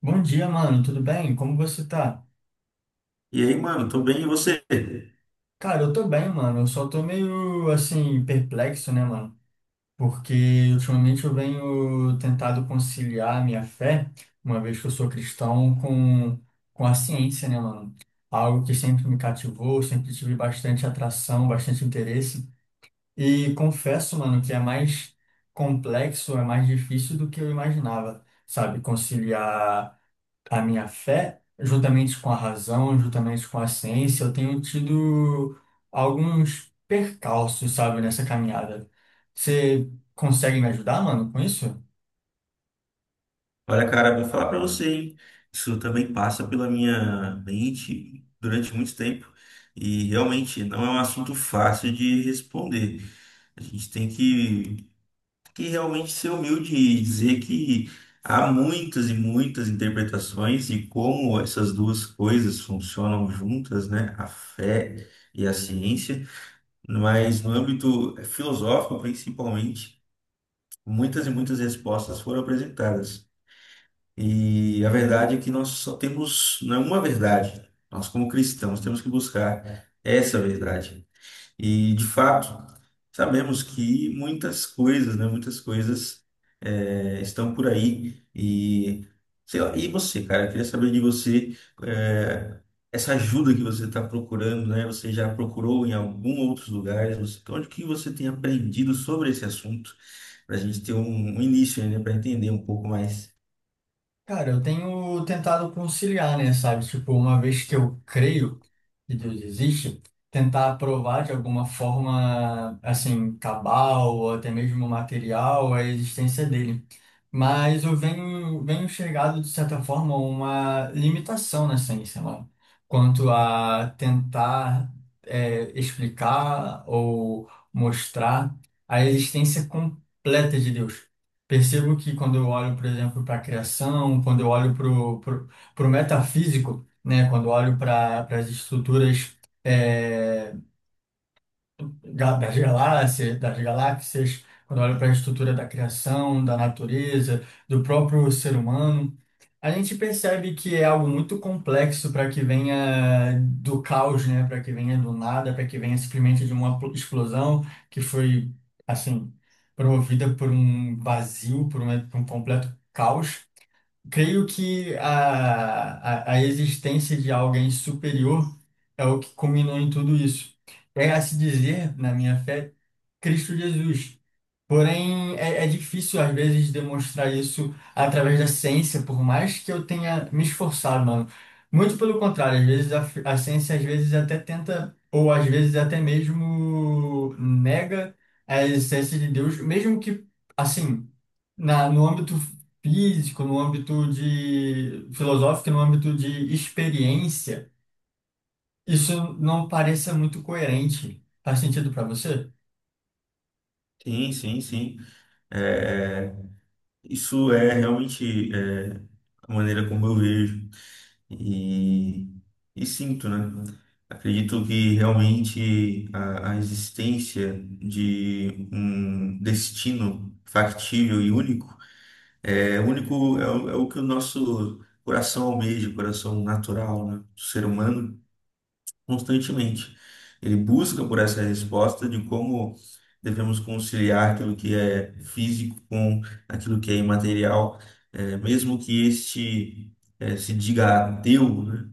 Bom dia, mano. Tudo bem? Como você tá? E aí, mano, tô bem, e você? Cara, eu tô bem, mano. Eu só tô meio assim perplexo, né, mano? Porque ultimamente eu venho tentado conciliar a minha fé, uma vez que eu sou cristão, com a ciência, né, mano? Algo que sempre me cativou, sempre tive bastante atração, bastante interesse. E confesso, mano, que é mais complexo, é mais difícil do que eu imaginava, sabe? Conciliar a minha fé, juntamente com a razão, juntamente com a ciência, eu tenho tido alguns percalços, sabe, nessa caminhada. Você consegue me ajudar, mano, com isso? Olha, cara, vou falar pra você, hein? Isso também passa pela minha mente durante muito tempo e realmente não é um assunto fácil de responder. A gente tem que realmente ser humilde e dizer que há muitas e muitas interpretações e como essas duas coisas funcionam juntas, né? A fé e a ciência, mas no âmbito filosófico, principalmente, muitas e muitas respostas foram apresentadas. E a verdade é que nós só temos, não é uma verdade. Nós, como cristãos, temos que buscar essa verdade. E, de fato, sabemos que muitas coisas, né, muitas coisas estão por aí. E, sei lá, e você, cara, eu queria saber de você, eh, essa ajuda que você está procurando, né? Você já procurou em algum outros lugares? Você, onde que você tem aprendido sobre esse assunto? Para a gente ter um início, né, para entender um pouco mais. Cara, eu tenho tentado conciliar, né, sabe? Tipo, uma vez que eu creio que Deus existe, tentar provar de alguma forma, assim, cabal ou até mesmo material a existência dele. Mas eu venho chegado, de certa forma, uma limitação na ciência, mano, quanto a tentar, é, explicar ou mostrar a existência completa de Deus. Percebo que quando eu olho, por exemplo, para a criação, quando eu olho para o metafísico, né, quando eu olho para as estruturas eh, das galáxias, quando eu olho para a estrutura da criação, da natureza, do próprio ser humano, a gente percebe que é algo muito complexo para que venha do caos, né? Para que venha do nada, para que venha simplesmente de uma explosão que foi, assim, promovida por um vazio, por um completo caos. Creio a existência de alguém superior é o que culminou em tudo isso. É a se dizer, na minha fé, Cristo Jesus. Porém, é difícil às vezes demonstrar isso através da ciência, por mais que eu tenha me esforçado, mano. Muito pelo contrário, às vezes a ciência às vezes até tenta, ou às vezes até mesmo nega a existência de Deus, mesmo que, assim, no âmbito físico, no âmbito de filosófico, no âmbito de experiência, isso não pareça muito coerente. Faz sentido para você? Sim, sim, sim. É, isso é realmente, a maneira como eu vejo e, e sinto, né? Acredito que realmente a existência de um destino factível e único é o que o nosso coração almeja, o coração natural, né, do ser humano constantemente. Ele busca por essa resposta de como devemos conciliar aquilo que é físico com aquilo que é imaterial, mesmo que este se diga ateu, né?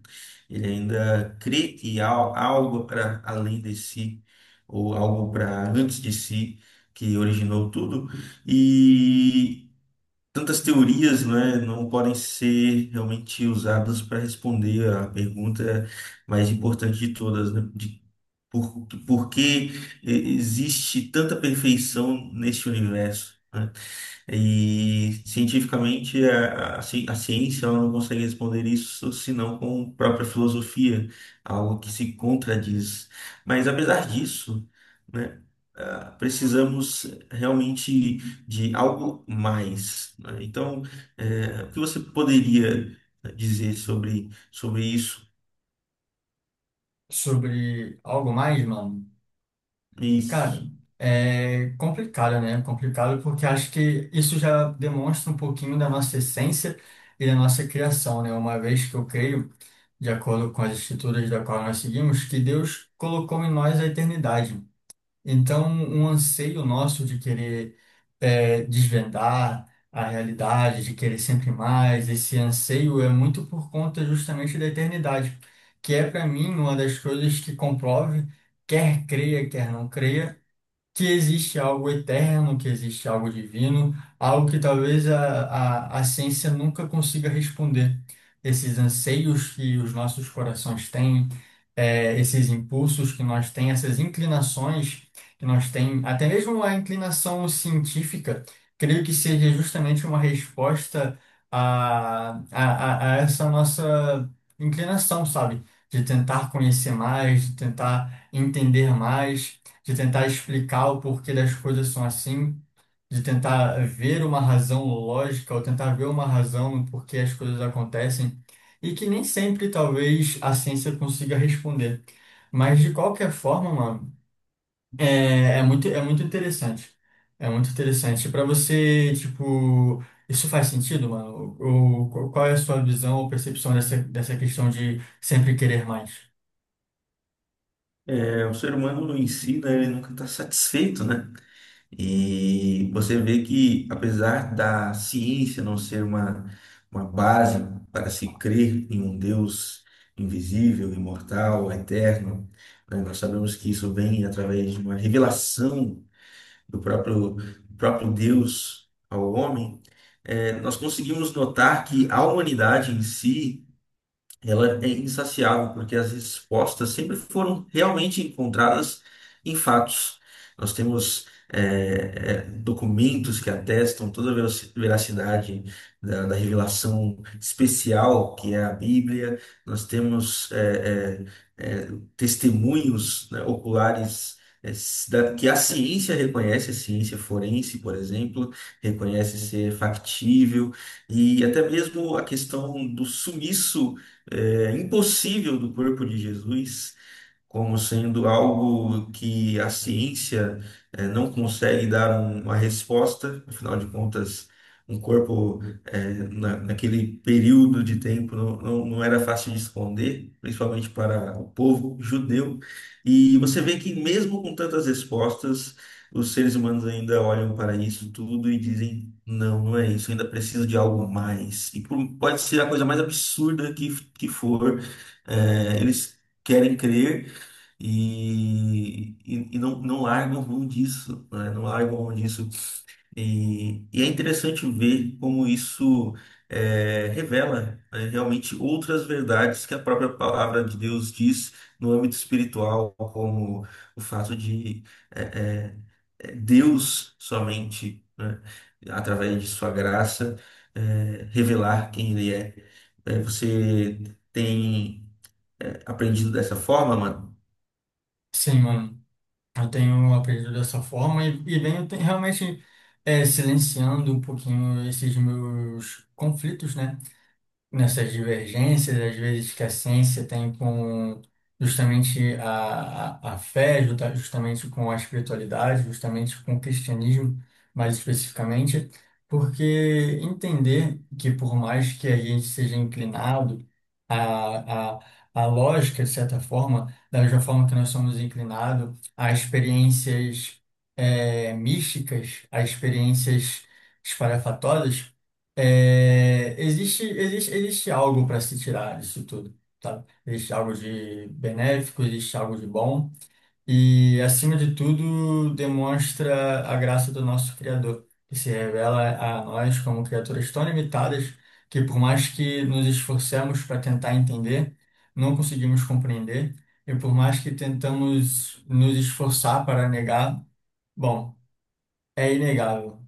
Ele ainda crê que há algo para além de si, ou algo para antes de si, que originou tudo tantas teorias, né, não podem ser realmente usadas para responder a pergunta mais importante de todas, né, de por que existe tanta perfeição neste universo, né? E cientificamente a ciência ela não consegue responder isso senão com própria filosofia, algo que se contradiz. Mas apesar disso, né, precisamos realmente de algo mais, né? Então, o que você poderia dizer sobre, sobre isso? Sobre algo mais, mano? Isso, Cara, é complicado, né? Complicado porque acho que isso já demonstra um pouquinho da nossa essência e da nossa criação, né? Uma vez que eu creio, de acordo com as escrituras da qual nós seguimos, que Deus colocou em nós a eternidade. Então, um anseio nosso de querer é, desvendar a realidade, de querer sempre mais, esse anseio é muito por conta justamente da eternidade, que é para mim uma das coisas que comprove, quer creia, quer não creia que existe algo eterno, que existe algo divino, algo que talvez a ciência nunca consiga responder. Esses anseios que os nossos corações têm, esses impulsos que nós temos, essas inclinações que nós temos, até mesmo a inclinação científica, creio que seja justamente uma resposta a essa nossa inclinação, sabe? De tentar conhecer mais, de tentar entender mais de tentar explicar o porquê das coisas são assim, de tentar ver uma razão lógica ou tentar ver uma razão no porquê as coisas acontecem, e que nem sempre talvez a ciência consiga responder. Mas de qualquer forma, mano, é muito interessante. É muito interessante. Para você, tipo, isso faz sentido, mano? Ou, qual é a sua visão ou percepção dessa, dessa questão de sempre querer mais? O ser humano em si, né, ele nunca está satisfeito, né? E você vê que, apesar da ciência não ser uma base para se crer em um Deus invisível, imortal, eterno, né, nós sabemos que isso vem através de uma revelação do próprio Deus ao homem, nós conseguimos notar que a humanidade em si ela é insaciável, porque as respostas sempre foram realmente encontradas em fatos. Nós temos documentos que atestam toda a veracidade da, da revelação especial que é a Bíblia, nós temos é, é, testemunhos, né, oculares. Que a ciência reconhece, a ciência forense, por exemplo, reconhece ser factível, e até mesmo a questão do sumiço é impossível do corpo de Jesus, como sendo algo que a ciência não consegue dar uma resposta, afinal de contas, um corpo naquele período de tempo não era fácil de esconder, principalmente para o povo judeu. E você vê que mesmo com tantas respostas, os seres humanos ainda olham para isso tudo e dizem: Não, não é isso, ainda preciso de algo mais. E pode ser a coisa mais absurda que for, eles querem crer e não, não largam mão disso, né? Não largam mão disso. E é interessante ver como isso revela, né, realmente outras verdades que a própria palavra de Deus diz no âmbito espiritual, como o fato de é, é, Deus somente, né, através de sua graça, revelar quem Ele é. É, você tem aprendido dessa forma. Sim, mano. Eu tenho aprendido dessa forma e venho realmente é, silenciando um pouquinho esses meus conflitos, né? Nessas divergências, às vezes que a ciência tem com justamente a fé, justamente com a espiritualidade, justamente com o cristianismo, mais especificamente, porque entender que por mais que a gente seja inclinado a A lógica, de certa forma, da mesma forma que nós somos inclinados a experiências místicas, a experiências espalhafatosas, é, existe algo para se tirar disso tudo, tá? Existe algo de benéfico, existe algo de bom e, acima de tudo, demonstra a graça do nosso Criador, que se revela a nós como criaturas tão limitadas que, por mais que nos esforcemos para tentar entender, não conseguimos compreender e, por mais que tentamos nos esforçar para negar, bom, é inegável,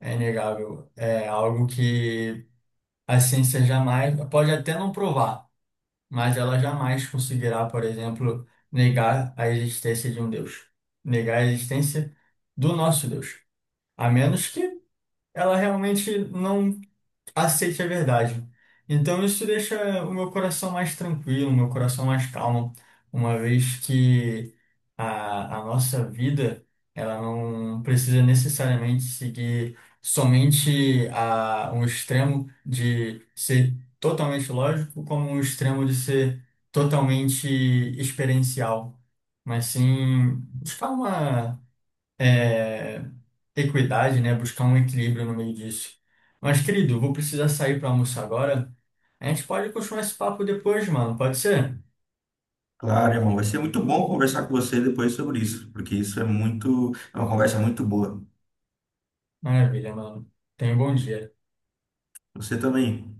é inegável, é algo que a ciência jamais, pode até não provar, mas ela jamais conseguirá, por exemplo, negar a existência de um Deus, negar a existência do nosso Deus, a menos que ela realmente não aceite a verdade. Então isso deixa o meu coração mais tranquilo, o meu coração mais calmo, uma vez que a nossa vida ela não precisa necessariamente seguir somente a, um extremo de ser totalmente lógico, como um extremo de ser totalmente experiencial, mas sim buscar uma é, equidade, né? Buscar um equilíbrio no meio disso. Mas, querido, vou precisar sair para almoçar agora. A gente pode continuar esse papo depois, mano. Pode ser? Claro, irmão, vai ser muito bom conversar com você depois sobre isso, porque isso é muito, é uma conversa muito boa. Maravilha, mano. Tenha um bom dia. Você também.